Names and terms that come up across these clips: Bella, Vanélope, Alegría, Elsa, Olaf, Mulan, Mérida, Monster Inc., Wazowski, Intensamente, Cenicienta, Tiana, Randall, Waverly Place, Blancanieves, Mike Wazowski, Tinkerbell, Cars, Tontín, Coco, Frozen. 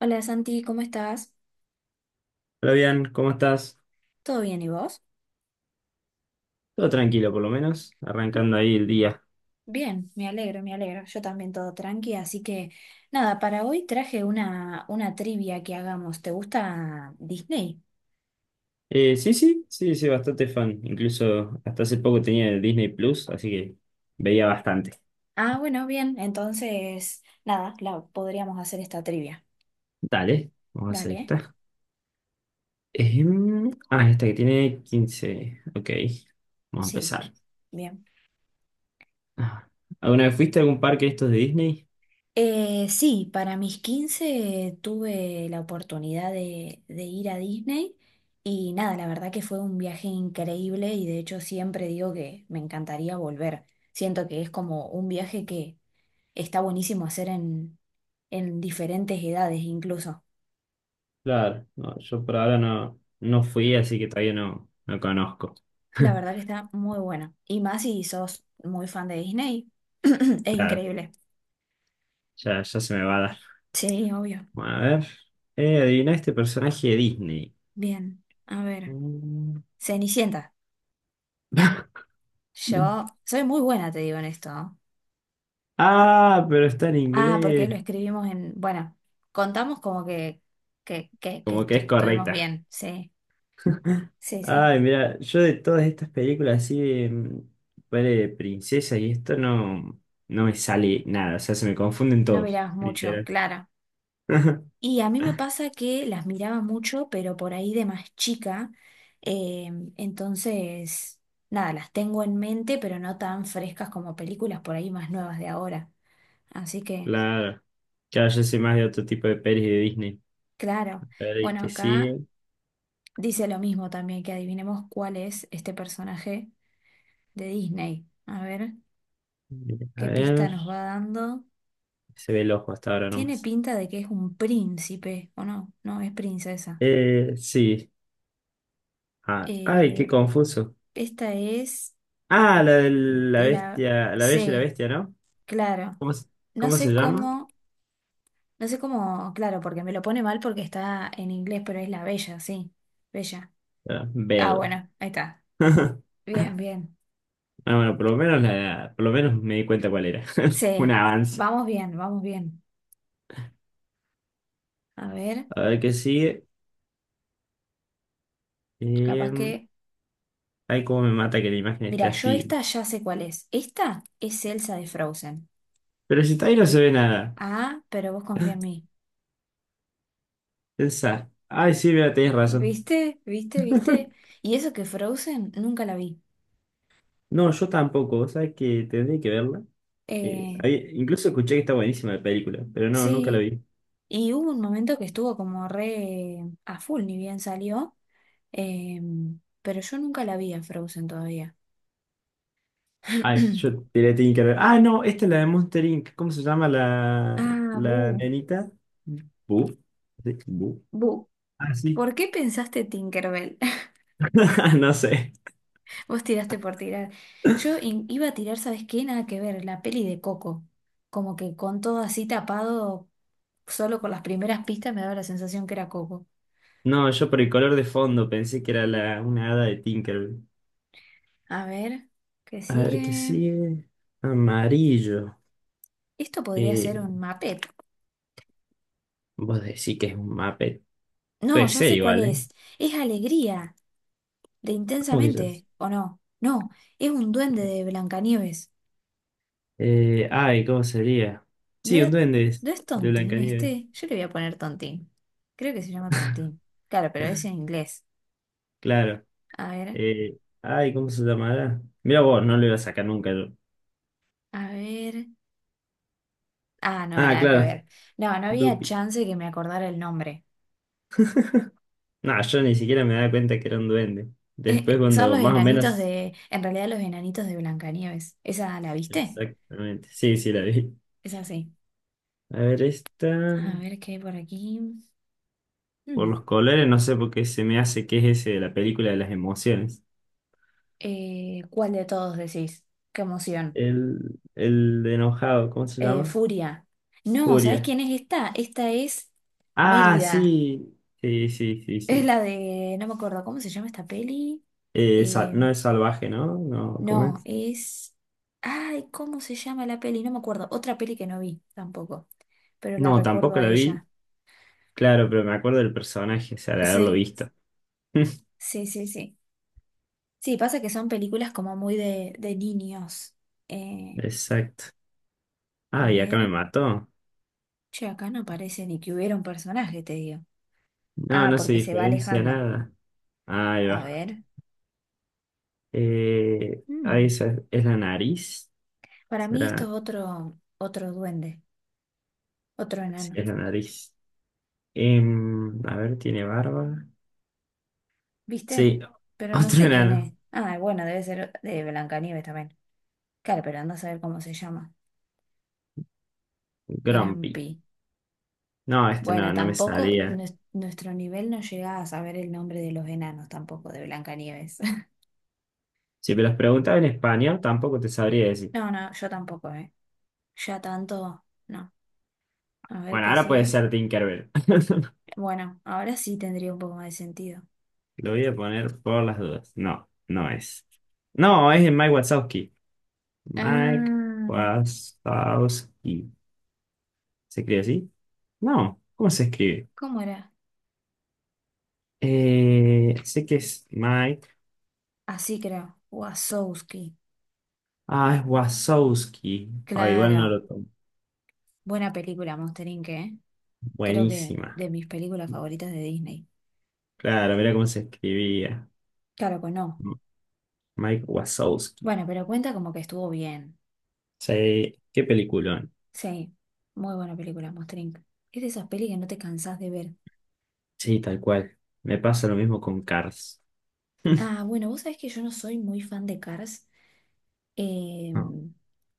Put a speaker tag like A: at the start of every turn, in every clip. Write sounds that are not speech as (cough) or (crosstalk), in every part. A: Hola Santi, ¿cómo estás?
B: Hola, bien, ¿cómo estás?
A: ¿Todo bien y vos?
B: Todo tranquilo, por lo menos,
A: Mm.
B: arrancando ahí el día.
A: Bien, me alegro, me alegro. Yo también todo tranqui, así que nada, para hoy traje una trivia que hagamos. ¿Te gusta Disney?
B: Sí, sí, sí, sí, bastante fan. Incluso hasta hace poco tenía el Disney Plus, así que veía bastante.
A: Ah, bueno, bien, entonces nada, la podríamos hacer esta trivia.
B: Dale, vamos a hacer
A: Dale,
B: esta. Esta que tiene 15. Ok, vamos a
A: sí,
B: empezar.
A: bien.
B: Ah, ¿alguna vez fuiste a algún parque de estos de Disney?
A: Sí, para mis 15 tuve la oportunidad de ir a Disney y nada, la verdad que fue un viaje increíble y de hecho siempre digo que me encantaría volver. Siento que es como un viaje que está buenísimo hacer en diferentes edades incluso.
B: Claro, no, yo por ahora no, no fui, así que todavía no, no conozco.
A: La verdad que
B: (laughs)
A: está muy buena. Y más si sos muy fan de Disney, (clears throat) es
B: Claro,
A: increíble.
B: ya, ya se me va a dar.
A: Sí, obvio.
B: Bueno, a ver. Adivina este personaje de Disney.
A: Bien, a ver.
B: Mm.
A: Cenicienta.
B: (laughs)
A: Yo soy muy buena, te digo en esto, ¿eh?
B: Ah, pero está en
A: Ah, porque
B: inglés.
A: lo escribimos en, bueno, contamos como que, que, que, que
B: Como que
A: estu-
B: es
A: estuvimos
B: correcta.
A: bien, sí, sí, sí.
B: Ay, mira, yo de todas estas películas así de, ponele de princesa y esto no, no me sale nada. O sea, se me confunden
A: No
B: todos,
A: mirabas mucho,
B: literal.
A: claro.
B: (laughs) Claro.
A: Y a mí me pasa que las miraba mucho, pero por ahí de más chica, eh, entonces, nada, las tengo en mente, pero no tan frescas como películas por ahí más nuevas de ahora. Así que,
B: Claro, yo soy más de otro tipo de pelis de Disney. A
A: claro.
B: ver, ¿y
A: Bueno,
B: qué sigue?
A: acá dice lo mismo también, que adivinemos cuál es este personaje de Disney. A ver,
B: A
A: ¿qué pista
B: ver.
A: nos va dando?
B: Se ve el ojo hasta ahora
A: Tiene
B: nomás.
A: pinta de que es un príncipe, ¿o no? No, es princesa.
B: Sí. Ah, ay, qué
A: Eh,
B: confuso.
A: esta es
B: Ah, la de la
A: la
B: bestia, la bella y la
A: C,
B: bestia, ¿no?
A: claro.
B: ¿Cómo, se-
A: No
B: cómo se
A: sé
B: llama?
A: cómo, no sé cómo, claro, porque me lo pone mal porque está en inglés, pero es la bella, sí. Bella.
B: Era
A: Ah,
B: Bell.
A: bueno, ahí está.
B: (laughs)
A: Bien, bien.
B: Ah, bueno, por lo menos me di cuenta cuál era. (laughs) Un
A: C.
B: avance.
A: Vamos bien, vamos bien. A ver,
B: A ver qué sigue.
A: capaz
B: Eh,
A: que.
B: ay, cómo me mata que la imagen esté
A: Mira, yo
B: así.
A: esta ya sé cuál es. Esta es Elsa de Frozen.
B: Pero si está ahí no se ve nada.
A: Ah, pero vos confía en mí.
B: Pensá. Ay, sí, mira, tenés razón.
A: ¿Viste? ¿Viste? ¿Viste?
B: (laughs)
A: Y eso que Frozen nunca la vi.
B: No, yo tampoco. O sea que tendré que verla. Eh,
A: Eh,
B: ahí- incluso escuché que está buenísima la película, pero no, nunca la
A: sí,
B: vi.
A: y hubo un momento que estuvo como re a full, ni bien salió, pero yo nunca la vi a Frozen todavía.
B: Ay, yo
A: (clears throat)
B: te la tenía que ver. Ah, no, esta es la de Monster Inc. ¿Cómo se llama la,
A: Ah,
B: la
A: Bu,
B: nenita? Bu. ¿Sí? Bu.
A: Bu,
B: Ah, sí.
A: ¿por qué pensaste Tinkerbell? (laughs)
B: (laughs) Ah, no sé.
A: Vos tiraste por tirar. Yo iba a tirar, ¿sabes qué? Nada que ver, la peli de Coco. Como que con todo así tapado, solo con las primeras pistas me daba la sensación que era Coco.
B: No, yo por el color de fondo pensé que era una hada de Tinkerbell.
A: A ver, ¿qué
B: A ver qué
A: sigue?
B: sigue. Amarillo.
A: Esto podría ser
B: Eh,
A: un mapet.
B: vos decís que es un Muppet. Puede
A: No, ya
B: ser
A: sé cuál
B: igual, ¿eh?
A: es. Es Alegría, de
B: ¿Cómo que ya es?
A: Intensamente, ¿o no? No, es un duende de Blancanieves.
B: Ay, ¿cómo sería?
A: ¿No
B: Sí, un
A: era,
B: duende es,
A: no es
B: de
A: Tontín
B: Blancanieves.
A: este? Yo le voy a poner Tontín. Creo que se llama Tontín. Claro, pero es en inglés.
B: Claro.
A: A ver,
B: Ay, ¿cómo se llamará? Mira vos, no lo iba a sacar nunca yo.
A: a ver. Ah, no,
B: Ah,
A: nada que
B: claro.
A: ver. No, no había
B: Dupi.
A: chance que me acordara el nombre.
B: No, yo ni siquiera me daba cuenta que era un duende. Después
A: Son
B: cuando
A: los
B: más o
A: enanitos
B: menos...
A: de, en realidad los enanitos de Blancanieves. ¿Esa la viste?
B: Exactamente. Sí, sí, la vi.
A: Es así.
B: A ver, esta.
A: A ver qué hay por aquí.
B: Por
A: Mm.
B: los colores, no sé por qué se me hace que es ese de la película de las emociones.
A: ¿Cuál de todos decís? Qué emoción.
B: El, el de enojado, ¿cómo se llama?
A: Furia. No, ¿sabés
B: Furia.
A: quién es esta? Esta es
B: Ah,
A: Mérida.
B: sí. Sí, sí, sí,
A: Es
B: sí.
A: la de. No me acuerdo cómo se llama esta peli.
B: Eh, sa-
A: Eh,
B: no es salvaje, ¿no? No, ¿cómo
A: no,
B: es?
A: es. Ay, ¿cómo se llama la peli? No me acuerdo. Otra peli que no vi tampoco. Pero la
B: No,
A: recuerdo
B: tampoco
A: a
B: la vi.
A: ella.
B: Claro, pero me acuerdo del personaje, o sea, de haberlo
A: Sí,
B: visto. (laughs)
A: sí, sí, sí. Sí, pasa que son películas como muy de niños. Eh,
B: Exacto.
A: a
B: Ah, y acá me
A: ver.
B: mató.
A: Che, acá no parece ni que hubiera un personaje, te digo.
B: No,
A: Ah,
B: no se
A: porque se va
B: diferencia
A: alejando.
B: nada. Ahí
A: A
B: va.
A: ver.
B: Ahí
A: Mm.
B: es la nariz.
A: Para mí esto es
B: ¿Será?
A: otro duende, otro
B: Sí,
A: enano.
B: es la nariz. A ver, tiene barba.
A: ¿Viste?
B: Sí, (laughs)
A: Pero no
B: otro
A: sé quién
B: enano,
A: es. Ah, bueno, debe ser de Blancanieves también. Claro, pero anda a saber cómo se llama.
B: Grumpy.
A: Grampi.
B: No, este
A: Bueno,
B: no, no me
A: tampoco
B: salía.
A: nuestro nivel no llega a saber el nombre de los enanos tampoco de Blancanieves. (laughs)
B: Si me los preguntaba en español, tampoco te sabría decir.
A: No, no, yo tampoco, ¿eh? Ya tanto, no. A ver
B: Bueno,
A: qué
B: ahora puede
A: sigue.
B: ser Tinkerbell. (laughs)
A: Bueno, ahora sí tendría un poco más de sentido.
B: Lo voy a poner por las dudas. No, no es. No, es de Mike Wazowski. Mike
A: Ah,
B: Wazowski. ¿Se escribe así? No, ¿cómo se escribe?
A: ¿cómo era?
B: Sé que es Mike.
A: Así creo. Wazowski.
B: Ah, es Wazowski. Ah, igual no
A: Claro.
B: lo tomo.
A: Buena película, Monster Inc., ¿eh? Creo que
B: Buenísima.
A: de mis películas favoritas de Disney.
B: Claro, mira cómo se escribía.
A: Claro que no.
B: Mike Wazowski.
A: Bueno, pero cuenta como que estuvo bien.
B: Sí, qué peliculón.
A: Sí, muy buena película, Monster Inc. Es de esas pelis que no te cansás de ver.
B: Sí, tal cual. Me pasa lo mismo con Cars.
A: Ah, bueno, vos sabés que yo no soy muy fan de Cars.
B: No,
A: Em,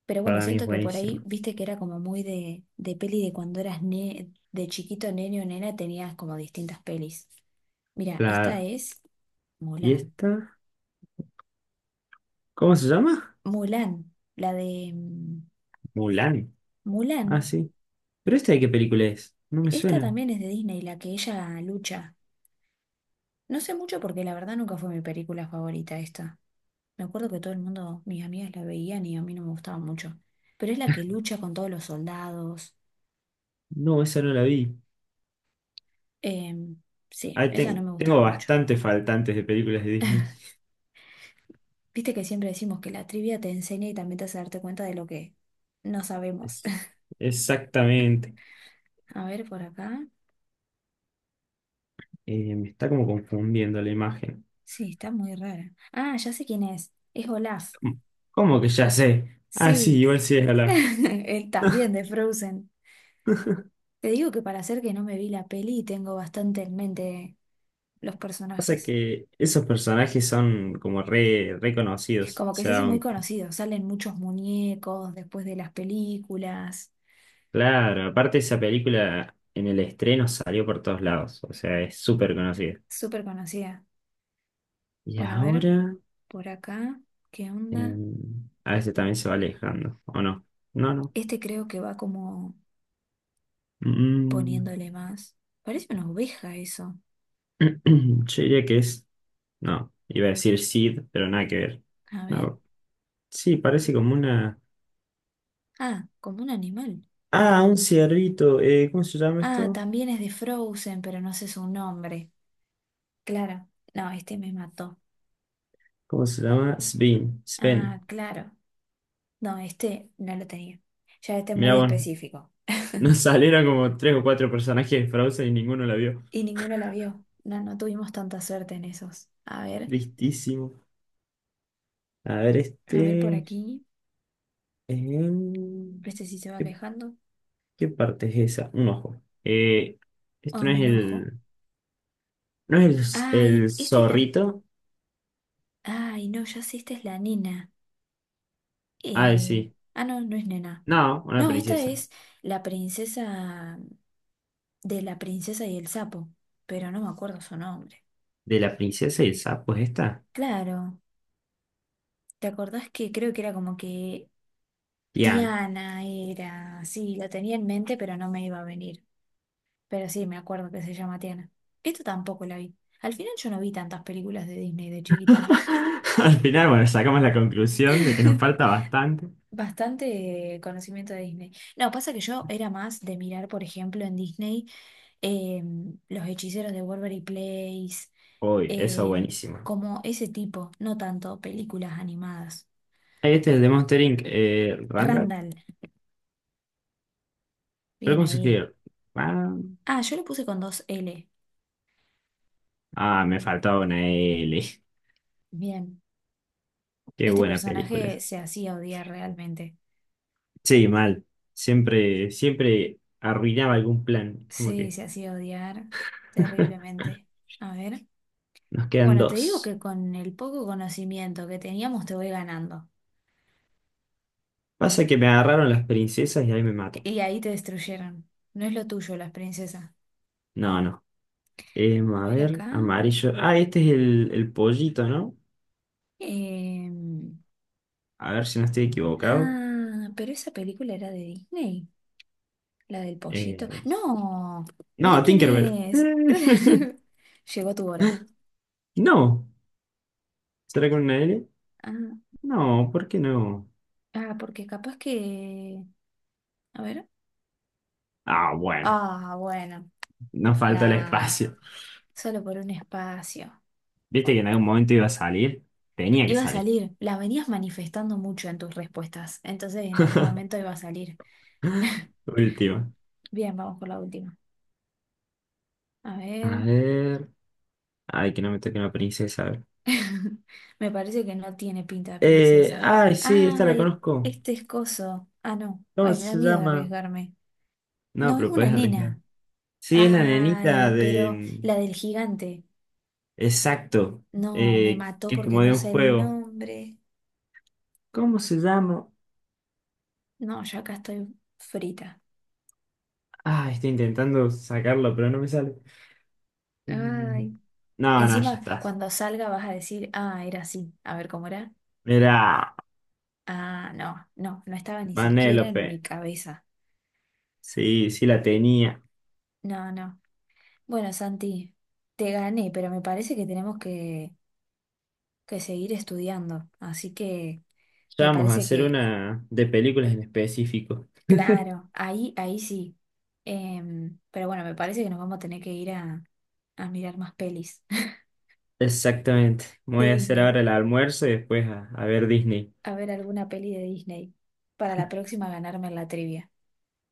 A: pero bueno,
B: para mí es
A: siento que por ahí,
B: buenísimo.
A: viste que era como muy de peli de cuando eras de chiquito, nene o nena, tenías como distintas pelis. Mira, esta
B: Claro.
A: es
B: ¿Y
A: Mulan.
B: esta? ¿Cómo se llama?
A: Mulan, la de
B: Mulan. Ah,
A: Mulan.
B: sí. ¿Pero esta de qué película es? No me
A: Esta
B: suena.
A: también es de Disney, la que ella lucha. No sé mucho porque la verdad nunca fue mi película favorita esta. Me acuerdo que todo el mundo, mis amigas la veían y a mí no me gustaba mucho. Pero es la que lucha con todos los soldados.
B: No, esa no la vi.
A: Em, sí,
B: Ah,
A: esa no me gustaba
B: tengo
A: mucho.
B: bastantes faltantes de películas de Disney.
A: Viste que siempre decimos que la trivia te enseña y también te hace darte cuenta de lo que no sabemos.
B: Es-
A: (laughs)
B: exactamente.
A: A ver por acá.
B: Me está como confundiendo la imagen.
A: Sí, está muy rara. Ah, ya sé quién es. Es Olaf.
B: ¿Cómo cómo que ya sé? Ah, sí,
A: Sí,
B: igual
A: (laughs)
B: sí es Alaska.
A: él también de Frozen. Te digo que para hacer que no me vi la peli tengo bastante en mente los
B: Pasa
A: personajes.
B: que esos personajes son como re reconocidos. O
A: Como que se
B: sea,
A: hacen muy conocidos, salen muchos muñecos después de las películas.
B: claro, aparte esa película en el estreno salió por todos lados. O sea, es súper conocida.
A: Súper conocida.
B: Y
A: Bueno, a ver,
B: ahora,
A: por acá, ¿qué onda?
B: eh, a veces también se va alejando, ¿o no? No, no.
A: Este creo que va como
B: Mm,
A: poniéndole más. Parece una oveja eso.
B: (clears throat) yo diría que es. No, iba a decir Sid, pero nada que ver.
A: A ver.
B: No. Sí, parece como una.
A: Ah, como un animal.
B: Ah, un ciervito. ¿Cómo se llama
A: Ah,
B: esto?
A: también es de Frozen, pero no sé su nombre. Claro. No, este me mató.
B: ¿Cómo se llama? Sven.
A: Ah,
B: Sven.
A: claro. No, este no lo tenía. Ya este es
B: Mirá
A: muy
B: vos,
A: específico.
B: nos salieron como tres o cuatro personajes de Frozen y ninguno la vio.
A: Y ninguno la vio. No, no tuvimos tanta suerte en esos.
B: Tristísimo. A ver,
A: A ver por
B: este.
A: aquí.
B: em,
A: Este sí se va
B: ¿Qué,
A: alejando.
B: qué parte es esa? Un ojo. Eh,
A: Ah,
B: esto no es
A: un ojo.
B: el. ¿No es el
A: Ay, esta es la.
B: zorrito?
A: Ay, no, ya sé, esta es la nena.
B: Ah,
A: Eh,
B: sí.
A: no, no es nena.
B: No, una
A: No, esta
B: princesa.
A: es la princesa de la princesa y el sapo, pero no me acuerdo su nombre.
B: De la princesa y el sapo es esta.
A: Claro, ¿te acordás que creo que era como que
B: Tiana.
A: Tiana era? Sí, la tenía en mente, pero no me iba a venir. Pero sí, me acuerdo que se llama Tiana. Esto tampoco la vi. Al final yo no vi tantas películas de Disney de chiquita.
B: (laughs) Al final, bueno, sacamos la conclusión de que nos falta
A: (laughs)
B: bastante.
A: Bastante conocimiento de Disney. No, pasa que yo era más de mirar, por ejemplo, en Disney. Los hechiceros de Waverly Place,
B: Uy, eso
A: em,
B: buenísimo.
A: como ese tipo, no tanto películas animadas.
B: Ahí, este es el de Monster Inc. Randall.
A: Randall,
B: ¿Pero
A: bien
B: cómo se
A: ahí.
B: escribe? Ah,
A: Ah, yo lo puse con dos L.
B: ah, me faltaba una L. (laughs)
A: Bien.
B: Qué
A: Este
B: buena
A: personaje
B: película.
A: se hacía odiar realmente.
B: Sí, mal. Siempre, siempre arruinaba algún plan. Como
A: Sí,
B: que
A: se hacía odiar
B: (laughs)
A: terriblemente. A ver.
B: nos quedan
A: Bueno, te digo
B: dos.
A: que con el poco conocimiento que teníamos te voy ganando.
B: Pasa que me agarraron las princesas y ahí me mato.
A: Y ahí te destruyeron. No es lo tuyo, las princesas.
B: No, no. Em,
A: A
B: a
A: ver
B: ver,
A: acá.
B: amarillo. Ah, este es el pollito, ¿no?
A: Em,
B: A ver si no estoy equivocado.
A: Ah, pero esa película era de Disney, la del pollito.
B: Eh,
A: No, mira
B: No,
A: quién
B: Tinkerbell.
A: es.
B: (laughs)
A: (laughs) Llegó tu hora.
B: No. ¿Será con una L?
A: Ah,
B: No, ¿por qué no?
A: ah, porque capaz que. A ver.
B: Ah, bueno.
A: Ah, bueno,
B: Nos falta el
A: nada,
B: espacio.
A: solo por un espacio.
B: ¿Viste que
A: Bueno,
B: en algún momento iba a salir? Tenía que
A: iba a
B: salir.
A: salir, la venías manifestando mucho en tus respuestas, entonces en algún momento iba a salir. (laughs)
B: Última.
A: Bien, vamos por la última. A
B: A
A: ver.
B: ver. Ay, que no me toque una princesa. A ver.
A: (laughs) Me parece que no tiene pinta de
B: Eh,
A: princesa.
B: ay, sí, esta la
A: Ay,
B: conozco.
A: este es coso. Ah, no.
B: ¿Cómo
A: Ay, me da
B: se
A: miedo
B: llama?
A: arriesgarme.
B: No,
A: No, es
B: pero
A: una
B: puedes arriesgar.
A: nena.
B: Sí, es la
A: Ay,
B: nenita de.
A: pero
B: Mm.
A: la del gigante.
B: Exacto.
A: No, me
B: Eh,
A: mató
B: que es
A: porque
B: como
A: no
B: de un
A: sé el
B: juego.
A: nombre.
B: ¿Cómo se llama?
A: No, ya acá estoy frita.
B: Ah, estoy intentando sacarlo, pero no me sale. Em,
A: Ay.
B: No, no, ya
A: Encima,
B: está.
A: cuando salga vas a decir, ah, era así. A ver cómo era.
B: Mirá,
A: Ah, no, no, no estaba ni siquiera en
B: Vanélope.
A: mi cabeza.
B: Sí, sí la tenía.
A: No, no. Bueno, Santi, te gané, pero me parece que tenemos que seguir estudiando. Así que
B: Ya
A: me
B: vamos a
A: parece
B: hacer
A: que,
B: una de películas en específico.
A: claro, ahí sí. Pero bueno, me parece que nos vamos a tener que ir a mirar más pelis
B: Exactamente. Me voy
A: (laughs) de
B: a hacer
A: Disney,
B: ahora el almuerzo y después a ver Disney.
A: a ver alguna peli de Disney para la próxima ganarme la trivia.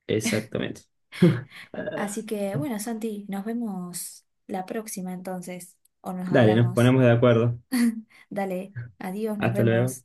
B: Exactamente. (laughs) Ah,
A: Así que bueno, Santi, nos vemos la próxima entonces, o nos
B: dale, nos
A: hablamos.
B: ponemos de acuerdo.
A: (laughs) Dale, adiós, nos
B: Hasta luego.
A: vemos.